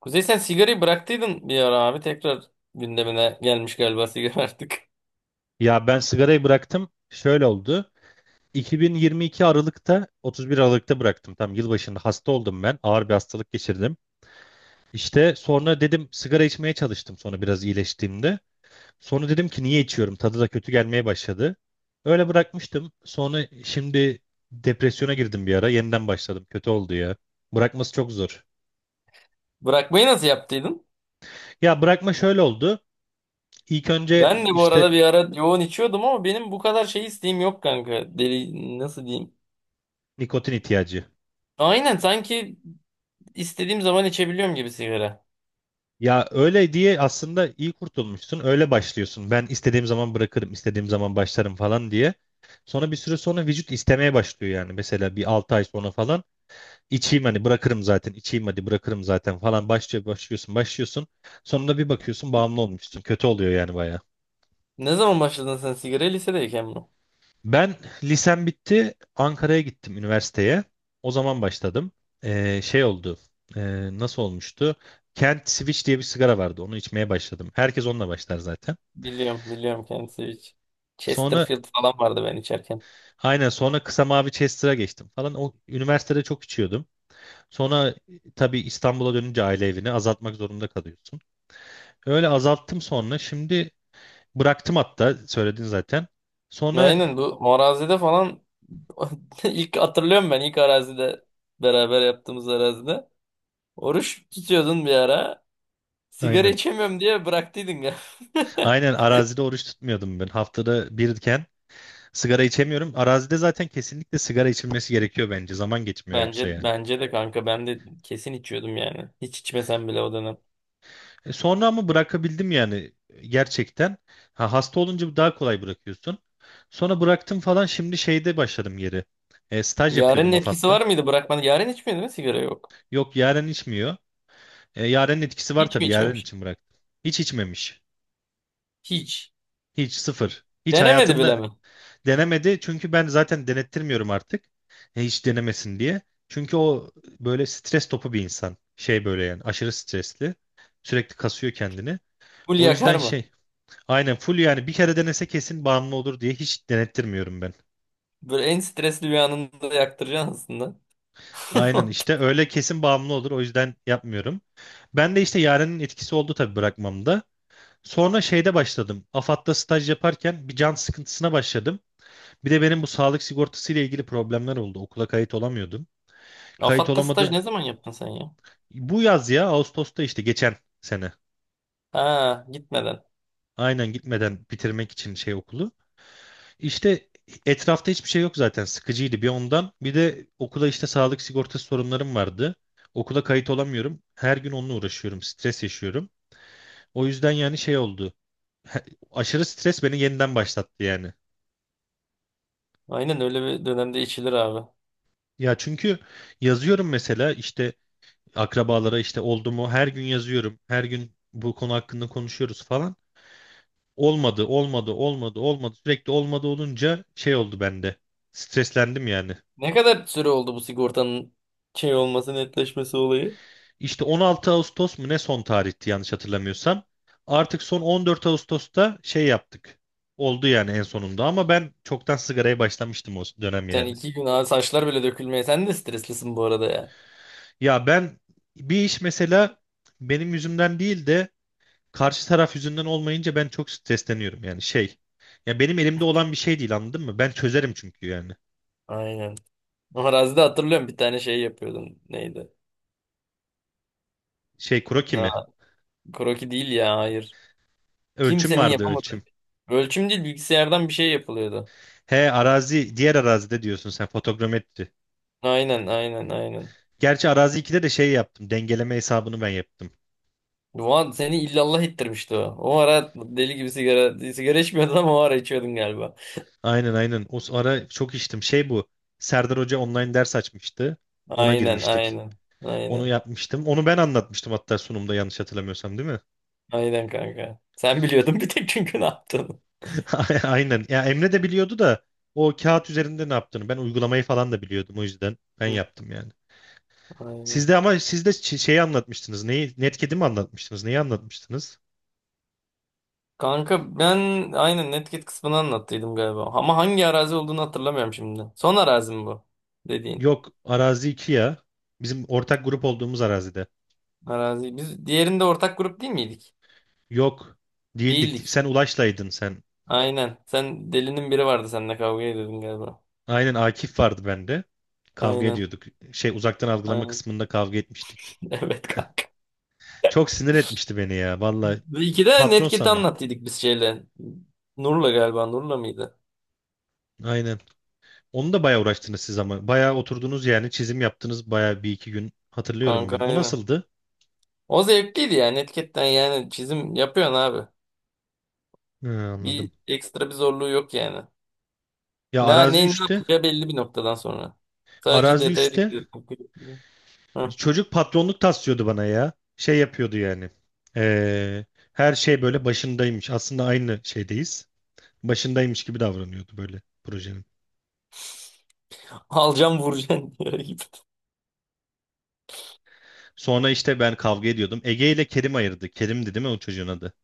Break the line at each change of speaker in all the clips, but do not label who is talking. Kuzey, sen sigarayı bıraktıydın bir ara abi. Tekrar gündemine gelmiş galiba sigara artık.
Ya ben sigarayı bıraktım. Şöyle oldu. 2022 Aralık'ta, 31 Aralık'ta bıraktım. Tam yılbaşında hasta oldum ben. Ağır bir hastalık geçirdim. İşte sonra dedim sigara içmeye çalıştım sonra biraz iyileştiğimde. Sonra dedim ki niye içiyorum? Tadı da kötü gelmeye başladı. Öyle bırakmıştım. Sonra şimdi depresyona girdim bir ara. Yeniden başladım. Kötü oldu ya. Bırakması çok zor.
Bırakmayı nasıl yaptıydın?
Ya bırakma şöyle oldu. İlk önce
Ben de bu arada
işte
bir ara yoğun içiyordum ama benim bu kadar şey isteğim yok kanka. Deli nasıl diyeyim?
nikotin ihtiyacı.
Aynen, sanki istediğim zaman içebiliyorum gibi sigara.
Ya öyle diye aslında iyi kurtulmuşsun. Öyle başlıyorsun. Ben istediğim zaman bırakırım, istediğim zaman başlarım falan diye. Sonra bir süre sonra vücut istemeye başlıyor yani. Mesela bir 6 ay sonra falan içeyim hani bırakırım zaten, içeyim hadi bırakırım zaten falan başlıyor, başlıyorsun. Sonunda bir bakıyorsun bağımlı olmuşsun. Kötü oluyor yani baya.
Ne zaman başladın sen sigara? Lisedeyken mi?
Ben lisem bitti, Ankara'ya gittim üniversiteye. O zaman başladım. Şey oldu. Nasıl olmuştu? Kent Switch diye bir sigara vardı. Onu içmeye başladım. Herkes onunla başlar zaten.
Biliyorum biliyorum, kendisi hiç.
Sonra
Chesterfield falan vardı ben içerken.
aynen sonra kısa mavi Chester'a geçtim falan. O üniversitede çok içiyordum. Sonra tabii İstanbul'a dönünce aile evini azaltmak zorunda kalıyorsun. Öyle azalttım sonra. Şimdi bıraktım hatta söyledin zaten. Sonra
Aynen, bu arazide falan ilk hatırlıyorum, ben ilk arazide, beraber yaptığımız arazide. Oruç tutuyordun bir ara. Sigara
aynen.
içemiyorum diye bıraktıydın ya.
Aynen arazide oruç tutmuyordum ben. Haftada birken sigara içemiyorum. Arazide zaten kesinlikle sigara içilmesi gerekiyor bence. Zaman geçmiyor yoksa
Bence
yani.
bence de kanka, ben de kesin içiyordum yani. Hiç içmesem bile o dönem.
Sonra ama bırakabildim yani gerçekten. Ha, hasta olunca daha kolay bırakıyorsun. Sonra bıraktım falan şimdi şeyde başladım geri. Staj
Yaren'in
yapıyordum
etkisi var
AFAD'da.
mıydı bırakmadı? Yaren içmiyor değil mi sigara, yok.
Yok, Yaren içmiyor. Yaren'in etkisi var
Hiç mi
tabii, Yaren
içmemiş?
için bıraktım. Hiç içmemiş.
Hiç.
Hiç sıfır. Hiç
Denemedi bile
hayatında
mi?
denemedi. Çünkü ben zaten denettirmiyorum artık. Hiç denemesin diye. Çünkü o böyle stres topu bir insan. Şey böyle yani aşırı stresli. Sürekli kasıyor kendini.
Full
O
yakar
yüzden
mı?
şey, aynen full yani bir kere denese kesin bağımlı olur diye hiç denettirmiyorum ben.
Böyle en stresli bir anında yaktıracaksın aslında.
Aynen işte öyle kesin bağımlı olur o yüzden yapmıyorum. Ben de işte Yaren'in etkisi oldu tabii bırakmamda. Sonra şeyde başladım. AFAD'da staj yaparken bir can sıkıntısına başladım. Bir de benim bu sağlık sigortası ile ilgili problemler oldu. Okula kayıt olamıyordum. Kayıt
Afat'ta staj
olamadım.
ne zaman yaptın sen ya?
Bu yaz ya Ağustos'ta işte geçen sene.
Ha, gitmeden.
Aynen gitmeden bitirmek için şey okulu. İşte etrafta hiçbir şey yok zaten. Sıkıcıydı bir ondan. Bir de okula işte sağlık sigortası sorunlarım vardı. Okula kayıt olamıyorum. Her gün onunla uğraşıyorum. Stres yaşıyorum. O yüzden yani şey oldu. He- Aşırı stres beni yeniden başlattı yani.
Aynen, öyle bir dönemde içilir abi.
Ya çünkü yazıyorum mesela işte akrabalara işte oldu mu her gün yazıyorum. Her gün bu konu hakkında konuşuyoruz falan. Olmadı. Sürekli olmadı olunca şey oldu bende. Streslendim yani.
Ne kadar süre oldu bu sigortanın şey olması, netleşmesi olayı?
İşte 16 Ağustos mu ne son tarihti yanlış hatırlamıyorsam. Artık son 14 Ağustos'ta şey yaptık. Oldu yani en sonunda ama ben çoktan sigaraya başlamıştım o dönem
Sen
yani.
iki gün abi, saçlar bile dökülmeye. Sen de streslisin bu arada ya.
Ya ben bir iş mesela benim yüzümden değil de karşı taraf yüzünden olmayınca ben çok stresleniyorum yani şey. Ya benim elimde olan bir şey değil, anladın mı? Ben çözerim çünkü yani.
Aynen. O arazide hatırlıyorum, bir tane şey yapıyordum. Neydi?
Şey kroki
Ha,
mi?
kroki değil ya, hayır.
Ölçüm
Kimsenin
vardı,
yapamadığı.
ölçüm.
Ölçüm değil, bilgisayardan bir şey yapılıyordu.
He, arazi, diğer arazide diyorsun sen, fotogrametri.
Aynen aynen aynen.
Gerçi arazi 2'de de şey yaptım. Dengeleme hesabını ben yaptım.
Ulan seni illallah ettirmişti o. O ara deli gibi sigara içmiyordun ama o ara içiyordun galiba.
Aynen. O ara çok içtim. Şey bu. Serdar Hoca online ders açmıştı. Ona
Aynen
girmiştik.
aynen.
Onu
Aynen.
yapmıştım. Onu ben anlatmıştım hatta sunumda, yanlış hatırlamıyorsam, değil mi?
Aynen kanka. Sen biliyordun bir tek, çünkü ne yaptın.
Aynen. Ya Emre de biliyordu da o kağıt üzerinde ne yaptığını. Ben uygulamayı falan da biliyordum o yüzden. Ben
Hı,
yaptım yani.
aynen.
Sizde ama, sizde şeyi anlatmıştınız. Neyi? Netkedi mi anlatmıştınız? Neyi anlatmıştınız?
Kanka, ben aynen Netcat kısmını anlattıydım galiba. Ama hangi arazi olduğunu hatırlamıyorum şimdi. Son arazi mi bu dediğin?
Yok, arazi 2 ya. Bizim ortak grup olduğumuz arazide.
Arazi. Biz diğerinde ortak grup değil miydik?
Yok, değildik.
Değildik.
Sen Ulaş'laydın.
Aynen. Sen, delinin biri vardı seninle, kavga ediyordun galiba.
Aynen, Akif vardı bende. Kavga
Aynen.
ediyorduk. Şey, uzaktan algılama
Aynen.
kısmında kavga etmiştik.
Evet kanka.
Çok sinir etmişti beni ya. Vallahi
İki de
patron
Netcat'i
sanıyor.
anlattıydık biz şeyle. Nur'la galiba. Nur'la mıydı?
Aynen. Onu da bayağı uğraştınız siz ama. Bayağı oturdunuz yani, çizim yaptınız bayağı bir iki gün. Hatırlıyorum
Kanka,
ben. O
aynen.
nasıldı?
O zevkliydi yani. Netcat'ten yani çizim yapıyorsun abi.
Hı, anladım.
Bir ekstra bir zorluğu yok yani.
Ya
Ne,
arazi
ne, ne
3'te.
yapacağı belli bir noktadan sonra. Sadece
Arazi
detaya dikkat
3'te
etmek. Hı.
çocuk patronluk taslıyordu bana ya. Şey yapıyordu yani. Ee, her şey böyle başındaymış. Aslında aynı şeydeyiz. Başındaymış gibi davranıyordu böyle projenin.
Alacağım vuracağım diyor gibi.
Sonra işte ben kavga ediyordum. Ege ile Kerim ayırdı. Kerim'di değil mi o çocuğun adı?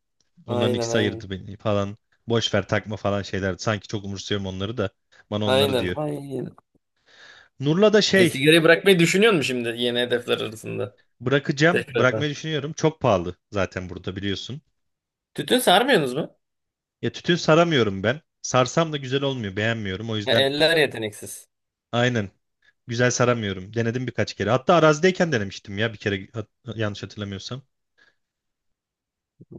Onların
Aynen
ikisi
aynen.
ayırdı beni falan. Boş ver, takma falan şeyler. Sanki çok umursuyorum onları da. Bana onları
Aynen.
diyor.
Aynen.
Nur'la da
E,
şey,
sigarayı bırakmayı düşünüyor musun şimdi, yeni hedefler arasında?
bırakacağım.
Tekrardan.
Bırakmayı düşünüyorum. Çok pahalı zaten burada, biliyorsun.
Tütün sarmıyorsunuz mu?
Ya tütün saramıyorum ben. Sarsam da güzel olmuyor. Beğenmiyorum. O
Ya,
yüzden
eller yeteneksiz.
aynen güzel saramıyorum. Denedim birkaç kere. Hatta arazideyken denemiştim ya bir kere yanlış hatırlamıyorsam.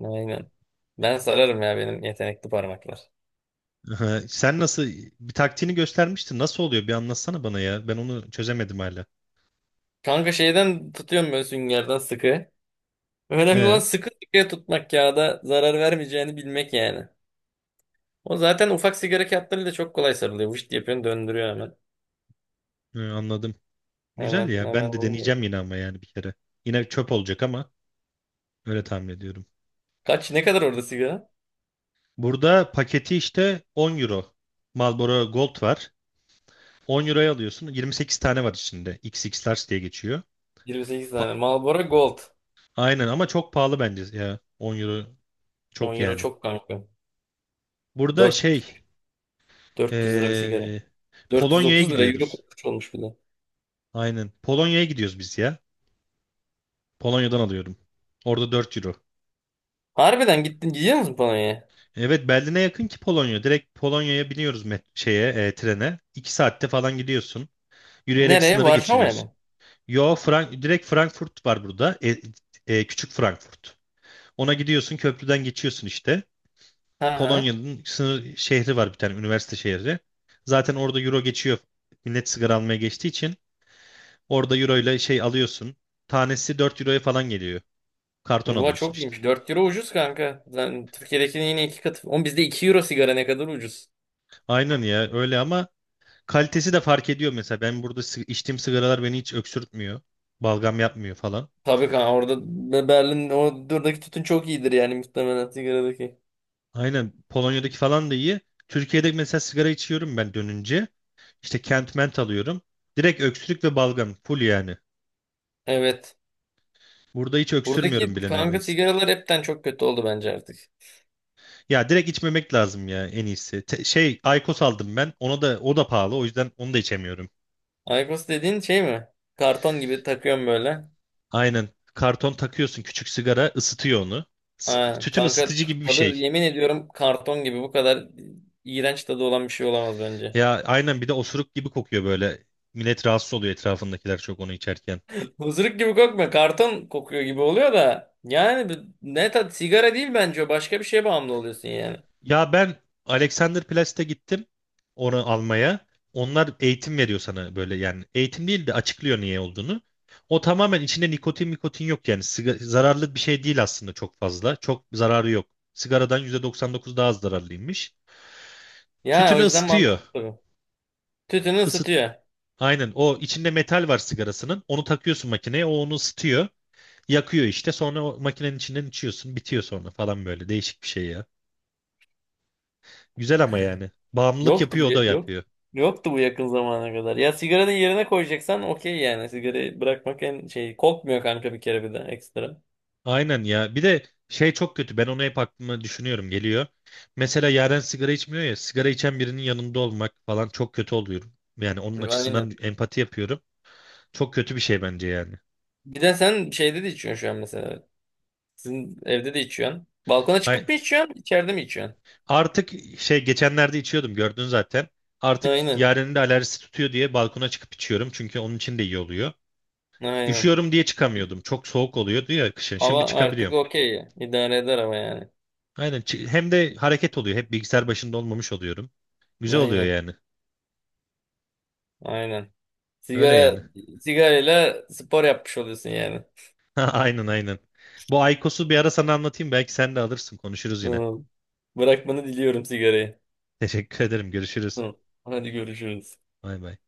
Aynen. Ben sararım ya, benim yetenekli parmaklar.
Aha, sen nasıl bir taktiğini göstermiştin. Nasıl oluyor? Bir anlatsana bana ya. Ben onu çözemedim hala.
Kanka, şeyden tutuyorum böyle, süngerden sıkı. Önemli olan
Ee,
sıkı sıkıya tutmak, kağıda zarar vermeyeceğini bilmek yani. O zaten ufak sigara kağıtlarıyla çok kolay sarılıyor. Vışt yapıyorsun, döndürüyor hemen.
anladım. Güzel
Hemen
ya.
hemen
Ben de
oluyor.
deneyeceğim yine ama yani bir kere. Yine çöp olacak ama öyle tahmin ediyorum.
Kaç, ne kadar orada sigara?
Burada paketi işte 10 euro. Marlboro Gold var. 10 euroya alıyorsun. 28 tane var içinde. X X Large diye geçiyor.
28
Pa-
tane. Marlboro Gold.
Aynen ama çok pahalı bence ya. 10 euro
10
çok
euro
yani.
çok kanka.
Burada şey,
4 400 lira bir sigara.
ee, Polonya'ya
430 lira, euro
gidiyoruz.
kurmuş olmuş bir de.
Aynen. Polonya'ya gidiyoruz biz ya. Polonya'dan alıyorum. Orada 4 euro.
Harbiden gittin, gidiyor musun Polonya'ya?
Evet, Berlin'e yakın ki Polonya. Direkt Polonya'ya biniyoruz met şeye, trene. 2 saatte falan gidiyorsun. Yürüyerek
Nereye?
sınırı
Varşova'ya
geçiriyorsun.
mı?
Yo, direkt Frankfurt var burada. Küçük Frankfurt. Ona gidiyorsun, köprüden geçiyorsun işte.
Ha.
Polonya'nın sınır şehri var bir tane, üniversite şehri. Zaten orada euro geçiyor. Millet sigara almaya geçtiği için orada euro ile şey alıyorsun. Tanesi 4 euroya falan geliyor. Karton
Bu
alıyorsun
çok
işte.
iyiymiş. 4 euro ucuz kanka. Yani Türkiye'dekinin yine iki katı. Oğlum, bizde 2 euro sigara, ne kadar ucuz.
Aynen ya öyle ama kalitesi de fark ediyor mesela. Ben burada içtiğim sigaralar beni hiç öksürtmüyor. Balgam yapmıyor falan.
Tabii kanka, orada Berlin, oradaki tütün çok iyidir yani, muhtemelen sigaradaki.
Aynen Polonya'daki falan da iyi. Türkiye'de mesela sigara içiyorum ben dönünce. İşte Kent Mint alıyorum. Direkt öksürük ve balgam full yani.
Evet.
Burada hiç öksürmüyorum
Buradaki
bile
kanka
neredeyse.
sigaralar hepten çok kötü oldu bence artık.
Ya direkt içmemek lazım ya en iyisi. Şey Aykos aldım ben. Ona da, o da pahalı. O yüzden onu da içemiyorum.
Aykos dediğin şey mi? Karton gibi takıyorum böyle.
Aynen. Karton takıyorsun, küçük sigara ısıtıyor onu.
Ha,
Tütün
kanka
ısıtıcı gibi bir
tadı,
şey.
yemin ediyorum karton gibi, bu kadar iğrenç tadı olan bir şey olamaz bence.
Ya aynen, bir de osuruk gibi kokuyor böyle. Millet rahatsız oluyor, etrafındakiler çok onu içerken.
Hızırık gibi kokmuyor. Karton kokuyor gibi oluyor da. Yani ne tat, sigara değil bence o. Başka bir şeye bağımlı oluyorsun yani.
Ya ben Alexanderplatz'te gittim onu almaya. Onlar eğitim veriyor sana böyle yani. Eğitim değil de açıklıyor niye olduğunu. O tamamen içinde nikotin mikotin yok yani. Zararlı bir şey değil aslında çok fazla. Çok zararı yok. Sigaradan %99 daha az zararlıymış.
Ya, o
Tütünü
yüzden
ısıtıyor.
mantıklı. Tütünü
Isıt.
ısıtıyor.
Aynen, o içinde metal var sigarasının. Onu takıyorsun makineye, o onu ısıtıyor. Yakıyor işte, sonra o makinenin içinden içiyorsun, bitiyor sonra falan, böyle değişik bir şey ya. Güzel ama yani, bağımlılık
Yoktu
yapıyor, o da
bu, yok.
yapıyor.
Yoktu bu yakın zamana kadar. Ya, sigaranın yerine koyacaksan okey yani. Sigarayı bırakmak en şey, kokmuyor kanka bir kere, bir de ekstra.
Aynen ya, bir de şey çok kötü, ben onu hep aklıma düşünüyorum geliyor. Mesela Yaren sigara içmiyor ya, sigara içen birinin yanında olmak falan çok kötü oluyorum. Yani onun açısından
Aynen.
empati yapıyorum. Çok kötü bir şey bence yani.
Bir de sen şeyde de içiyorsun şu an mesela. Sizin evde de içiyorsun. Balkona
Hay
çıkıp mı içiyorsun? İçeride mi içiyorsun?
Artık Şey geçenlerde içiyordum, gördün zaten. Artık
Aynen.
Yaren'in de alerjisi tutuyor diye balkona çıkıp içiyorum. Çünkü onun için de iyi oluyor.
Aynen.
Üşüyorum diye çıkamıyordum. Çok soğuk oluyordu ya kışın. Şimdi
Hava artık
çıkabiliyorum.
okey ya. İdare eder ama yani.
Aynen. Hem de hareket oluyor. Hep bilgisayar başında olmamış oluyorum. Güzel oluyor
Aynen.
yani.
Aynen.
Öyle
Sigara
yani.
Sigarayla spor yapmış oluyorsun yani.
Ha, aynen aynen. Bu aykosu bir ara sana anlatayım. Belki sen de alırsın. Konuşuruz yine.
Hı. Bırakmanı diliyorum sigarayı.
Teşekkür ederim. Görüşürüz.
Hı. Hadi görüşürüz.
Bay bay.